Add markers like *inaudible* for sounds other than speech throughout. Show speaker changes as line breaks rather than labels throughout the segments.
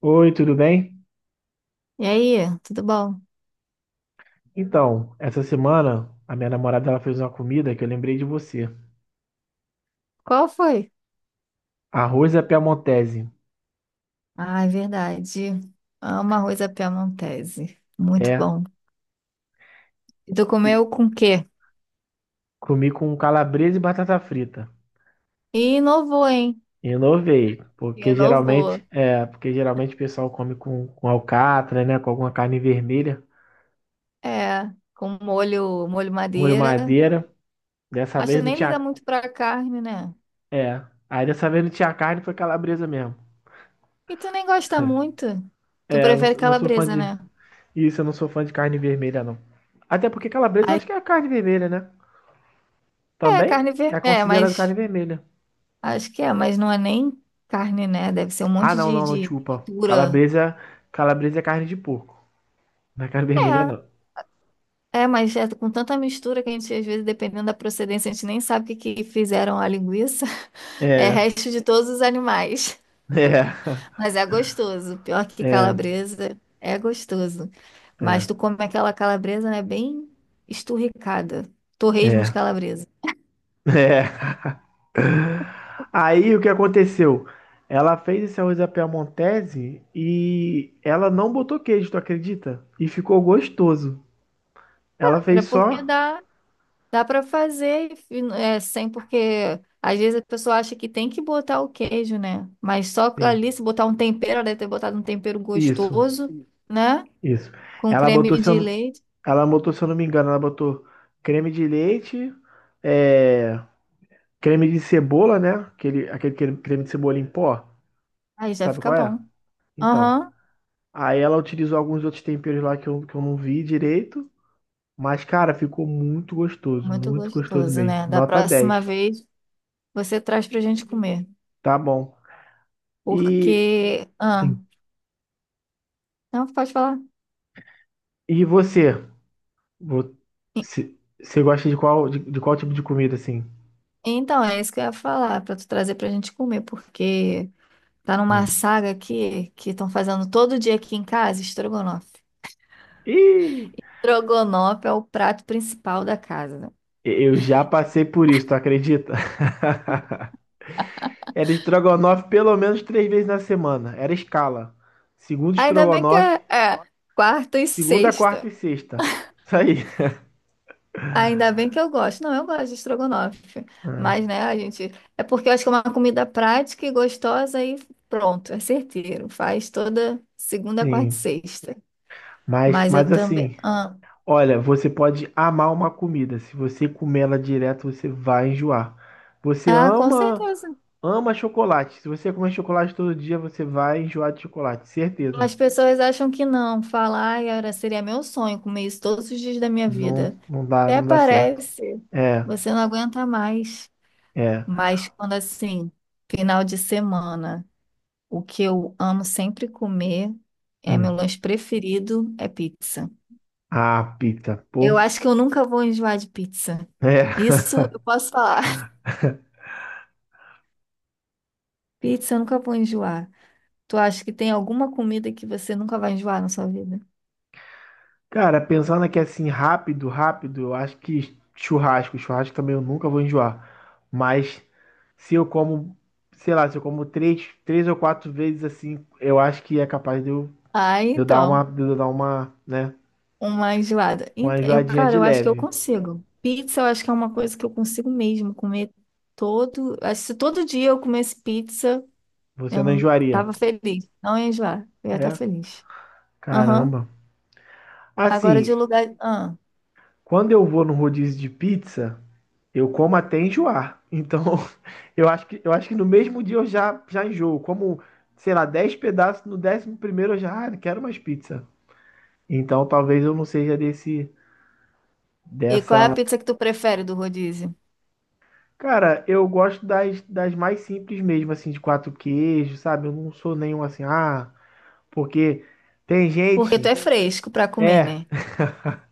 Oi, tudo bem?
E aí, tudo bom?
Então, essa semana a minha namorada ela fez uma comida que eu lembrei de você.
Qual foi?
Arroz à piamontese.
Ah, é verdade. Amo arroz à piamontese. Muito
É,
bom. E tu
e
comeu com o quê?
comi com calabresa e batata frita.
E inovou, hein?
Inovei, porque
Inovou.
geralmente, o pessoal come com alcatra, né, com alguma carne vermelha,
É, com molho, molho
molho
madeira.
madeira. Dessa
Mas tu
vez não
nem liga
tinha,
muito pra carne, né?
é, aí dessa vez não tinha carne, foi calabresa mesmo.
E tu nem gosta muito. Tu
É, eu não,
prefere
não sou fã
calabresa,
de
né?
isso, eu não sou fã de carne vermelha não. Até porque calabresa eu
Ai,
acho que é a carne vermelha, né?
é,
Também
carne vermelha.
é
É,
considerado carne
mas
vermelha.
acho que é, mas não é nem carne, né? Deve ser um
Ah,
monte
não,
de,
não, não,
de
desculpa.
mistura.
Calabresa é carne de porco. Não é carne *laughs* vermelha,
É,
não.
É, mas é com tanta mistura que a gente, às vezes, dependendo da procedência, a gente nem sabe o que que fizeram a linguiça. *laughs* É
É,
resto de todos os animais.
é,
Mas é gostoso. Pior que
é,
calabresa, é gostoso.
é,
Mas tu come aquela calabresa, né, bem esturricada. Torresmo de
é,
calabresa.
é. Aí o que aconteceu? Ela fez esse arroz à piamontese e ela não botou queijo, tu acredita? E ficou gostoso. Ela
É
fez
porque
só.
dá para fazer e sem, porque às vezes a pessoa acha que tem que botar o queijo, né? Mas só
Sim,
ali, se botar um tempero, ela deve ter botado um tempero
isso,
gostoso, né?
isso.
Com
Ela botou,
creme
se eu,
de
não-
leite.
ela botou, se eu não me engano, ela botou creme de leite, é, creme de cebola, né? Aquele creme de cebola em pó.
Aí já
Sabe
fica
qual é?
bom.
Então.
Aham,
Aí ela utilizou alguns outros temperos lá que eu não vi direito. Mas, cara, ficou muito gostoso.
muito
Muito gostoso
gostoso,
mesmo.
né? Da
Nota
próxima
dez.
vez você traz pra gente comer.
Tá bom. E,
Porque. Ah,
Sim.
não, pode falar.
E você? Vo-
E-
Você gosta de qual, de qual tipo de comida, assim?
Então, é isso que eu ia falar, pra tu trazer pra gente comer, porque tá numa
Hum.
saga aqui que estão fazendo todo dia aqui em casa, estrogonofe.
Ih,
Estrogonofe é o prato principal da casa. Né?
eu já passei por isso, tu acredita? *laughs* Era estrogonofe pelo menos 3 vezes na semana. Era escala. Segundo
Ainda bem que é,
estrogonofe,
é quarta e
Segunda, quarta e
sexta.
sexta. Isso aí.
Ainda bem que eu gosto. Não, eu gosto de estrogonofe. Mas, né, a gente. É porque eu acho que é uma comida prática e gostosa e pronto, é certeiro. Faz toda segunda, quarta e
Sim.
sexta.
Mas,
Mas eu
mas
também.
assim,
Ah,
olha, você pode amar uma comida. Se você comer ela direto, você vai enjoar. Você
ah, com
ama,
certeza.
ama chocolate. Se você comer chocolate todo dia, você vai enjoar de chocolate, certeza.
As pessoas acham que não. Falar, ai, seria meu sonho comer isso todos os dias da minha
Não,
vida.
não dá,
Até
não dá certo.
parece.
É,
Você não aguenta mais.
é.
Mas quando assim, final de semana. O que eu amo sempre comer é meu
Hum.
lanche preferido é pizza.
Ah, pizza,
Eu
pô.
acho que eu nunca vou enjoar de pizza.
É.
Isso eu posso falar. *laughs* Pizza eu nunca vou enjoar. Tu acha que tem alguma comida que você nunca vai enjoar na sua vida?
Cara, pensando aqui assim, rápido, rápido, eu acho que churrasco. Churrasco também eu nunca vou enjoar. Mas se eu como, sei lá, se eu como três, três ou quatro vezes assim, eu acho que é capaz
Ah,
de eu dar uma,
então,
de eu dar uma, né,
uma enjoada.
uma
Eu,
enjoadinha
cara,
de
eu acho que eu
leve.
consigo. Pizza, eu acho que é uma coisa que eu consigo mesmo comer todo. Acho que se todo dia eu comesse pizza,
Você
eu
não
não
enjoaria?
tava feliz. Não ia enjoar. Eu ia estar
É?
feliz. Aham.
Caramba.
Agora de
Assim,
lugar. Ah.
quando eu vou no rodízio de pizza. Eu como até enjoar. Então, *laughs* eu acho que no mesmo dia eu já enjoo. Como, sei lá, 10 pedaços, no 11º eu já quero mais pizza. Então, talvez eu não seja desse,
E qual é a
dessa.
pizza que tu prefere do rodízio?
Cara, eu gosto das mais simples mesmo, assim, de quatro queijos, sabe? Eu não sou nenhum assim, porque tem
Porque tu é
gente.
fresco pra comer,
É,
né?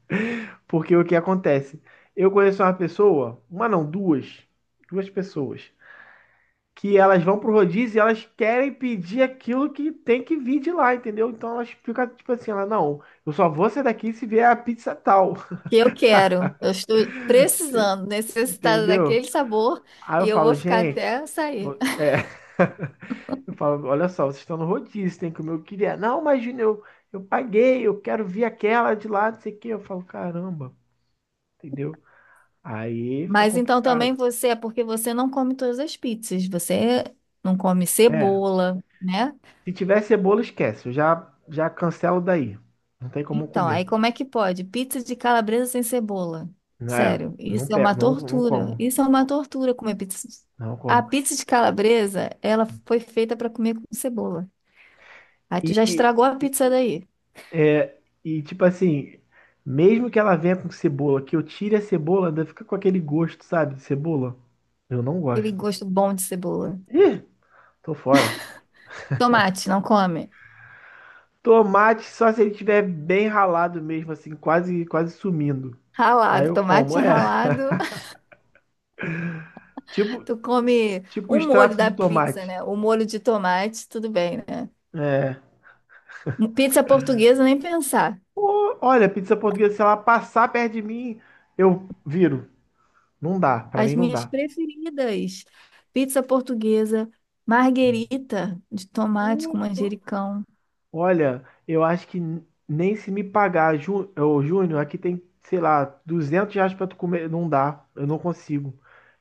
*laughs* porque o que acontece? Eu conheço uma pessoa, uma não, duas pessoas, que elas vão pro rodízio e elas querem pedir aquilo que tem que vir de lá, entendeu? Então elas ficam tipo assim, ela, não, eu só vou sair daqui se vier a pizza tal,
Que eu quero. Eu estou precisando,
*laughs*
necessitada daquele
entendeu?
sabor
Aí
e
eu
eu vou
falo,
ficar
gente,
até sair.
vo- é, *laughs* eu falo, olha só, vocês estão no rodízio, tem que comer o que vier. Não, mas Júnior, eu paguei, eu quero vir aquela de lá, não sei o quê. Eu falo, caramba, entendeu? Aí fica
Mas então também
complicado.
você é porque você não come todas as pizzas. Você não come
É,
cebola, né?
se tiver cebola, esquece, eu já cancelo daí. Não tem como
Então,
comer.
aí como é que pode? Pizza de calabresa sem cebola.
É,
Sério,
não,
isso é uma
não, não
tortura.
como.
Isso é uma tortura comer pizza.
Não
A
como.
pizza de calabresa, ela foi feita para comer com cebola. Aí tu já
E,
estragou a pizza daí.
é, e tipo assim, mesmo que ela venha com cebola, que eu tire a cebola, ainda fica com aquele gosto, sabe, de cebola. Eu não
Aquele
gosto.
gosto bom de cebola.
Ih, tô fora.
Tomate, não come.
Tomate só se ele tiver bem ralado mesmo, assim, quase, quase sumindo. Aí
Ralado,
eu como,
tomate ralado. *laughs*
tipo,
Tu come
tipo um
o molho
extrato
da
de
pizza,
tomate.
né? O molho de tomate, tudo bem, né?
É.
Pizza portuguesa, nem pensar.
Olha, pizza portuguesa, se ela passar perto de mim, eu viro. Não dá, pra
As
mim não
minhas
dá.
preferidas. Pizza portuguesa, marguerita de tomate com
Pô,
manjericão.
olha, eu acho que nem se me pagar, ô, Júnior, aqui tem, sei lá, R$ 200 pra tu comer, não dá, eu não consigo.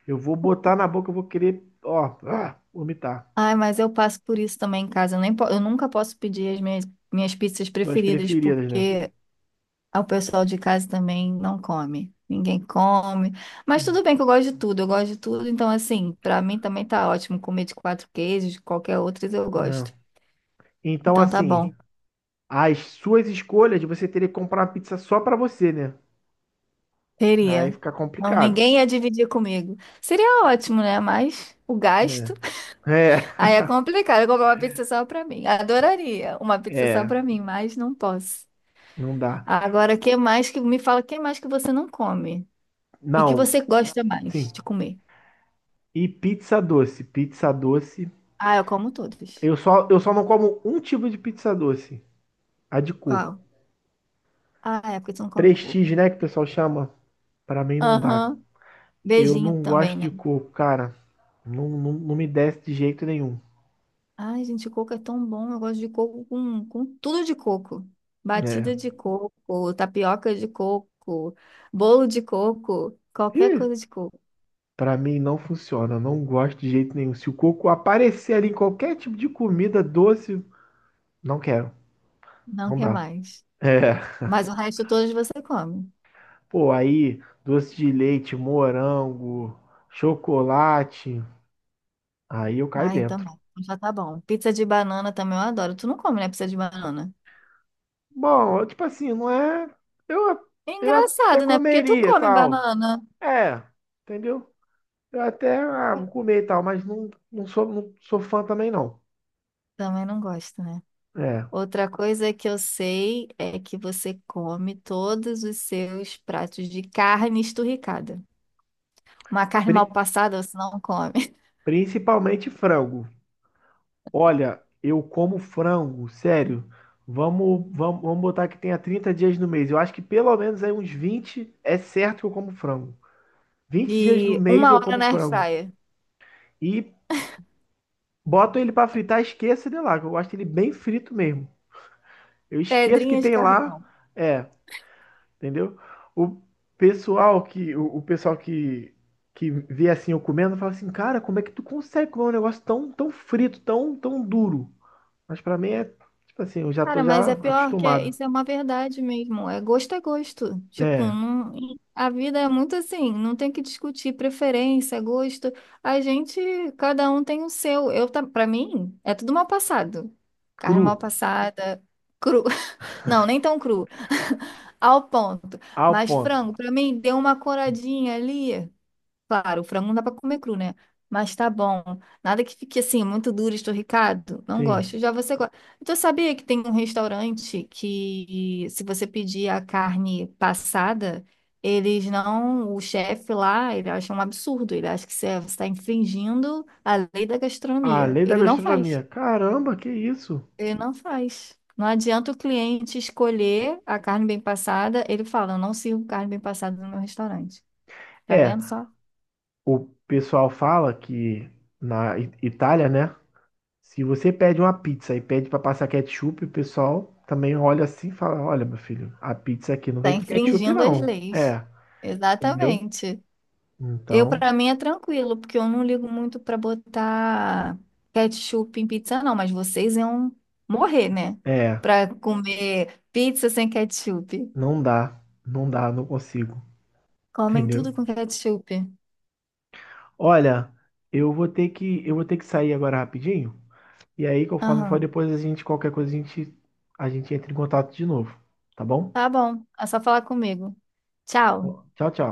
Eu vou botar na boca, eu vou querer, ó, ah, vomitar.
Ai, mas eu passo por isso também em casa. Eu, nem po- eu nunca posso pedir as minhas, pizzas
Tuas
preferidas,
preferidas, né?
porque ah, o pessoal de casa também não come. Ninguém come. Mas
Hum.
tudo bem que eu gosto de tudo. Eu gosto de tudo. Então, assim, pra mim também tá ótimo comer de quatro queijos, de qualquer outras eu
Não.
gosto.
Então,
Então tá
assim,
bom.
as suas escolhas, você teria que comprar uma pizza só pra você, né? Aí
Teria.
fica
Não,
complicado.
ninguém ia dividir comigo. Seria ótimo, né? Mas o gasto.
É,
*laughs*
*laughs*
Aí é complicado. Eu comprar uma pizza só pra mim. Adoraria uma
é,
pizza só
é,
pra mim, mas não posso.
não dá.
Agora, que mais que me fala, que mais que você não come? E que
Não,
você gosta mais
sim.
de comer?
E pizza doce, pizza doce.
Ah, eu como todos.
Eu só não como um tipo de pizza doce, a de coco.
Qual? Ah, é, porque você não come coco.
Prestígio, né, que o pessoal chama, pra mim não dá.
Aham.
Eu
Beijinho
não
também,
gosto de
né?
coco, cara. Não, não, não me desce de jeito nenhum.
Ai, gente, coco é tão bom. Eu gosto de coco com tudo de coco.
É.
Batida de coco, tapioca de coco, bolo de coco, qualquer
Ih,
coisa de coco.
pra mim não funciona. Eu não gosto de jeito nenhum. Se o coco aparecer ali em qualquer tipo de comida doce, não quero.
Não
Não
quer
dá.
mais.
É.
Mas o resto todos você come.
Pô, aí, doce de leite, morango, chocolate. Aí eu caio
Ai, eu
dentro.
também. Já tá bom. Pizza de banana também eu adoro. Tu não come, né, pizza de banana?
Bom, eu, tipo assim, não é. Eu,
É
eu até
engraçado, né? Porque tu
comeria e
come
tal.
banana.
É, entendeu? Eu até, vou comer e tal, mas não, não sou fã também, não.
Também não gosto, né?
É.
Outra coisa que eu sei é que você come todos os seus pratos de carne esturricada. Uma carne mal
Pri-
passada você não come. *laughs*
principalmente frango. Olha, eu como frango, sério. Vamos botar que tenha 30 dias no mês. Eu acho que pelo menos aí uns 20 é certo que eu como frango. 20 dias no
De
mês
uma
eu
hora
como
na
frango.
airfryer.
E boto ele pra fritar, esqueça de lá, que eu gosto dele bem frito mesmo. Eu esqueço que
Pedrinha de
tem lá.
carvão.
É, entendeu? O o pessoal que vê assim eu comendo fala assim, cara, como é que tu consegue comer um negócio tão frito, tão duro? Mas pra mim é tipo assim, eu já
Cara,
tô
mas
já
é pior que
acostumado.
isso é uma verdade mesmo. É gosto é gosto. Tipo,
É,
a vida é muito assim. Não tem que discutir preferência, gosto. A gente, cada um tem o seu. Eu, pra mim, é tudo mal passado. Carne mal
cru,
passada, cru. *laughs* Não, nem tão cru. Ao ponto.
ao
Mas
ponto.
frango, pra mim, deu uma coradinha ali. Claro, o frango não dá pra comer cru, né? Mas tá bom. Nada que fique assim, muito duro, esturricado. Não
Sim.
gosto. Já você gosta. Então, sabia que tem um restaurante que, se você pedir a carne passada, eles não. O chefe lá, ele acha um absurdo. Ele acha que você está infringindo a lei da
A
gastronomia.
lei da
Ele não faz.
gastronomia. Caramba, que isso?
Ele não faz. Não adianta o cliente escolher a carne bem passada. Ele fala, eu não sirvo carne bem passada no meu restaurante. Tá
É,
vendo só?
o pessoal fala que na Itália, né? Se você pede uma pizza e pede para passar ketchup, o pessoal também olha assim e fala: Olha, meu filho, a pizza aqui não
Tá
vem com ketchup,
infringindo as
não.
leis.
É, entendeu?
Exatamente. Eu,
Então,
para mim, é tranquilo, porque eu não ligo muito para botar ketchup em pizza, não. Mas vocês iam morrer, né?
é,
Para comer pizza sem ketchup.
não dá, não dá, não consigo,
Comem
entendeu?
tudo com ketchup.
Olha, eu vou ter que sair agora rapidinho. E aí, conforme for,
Aham.
depois a gente, qualquer coisa, a gente entra em contato de novo, tá bom?
Tá bom. É só falar comigo. Tchau.
Tchau, tchau.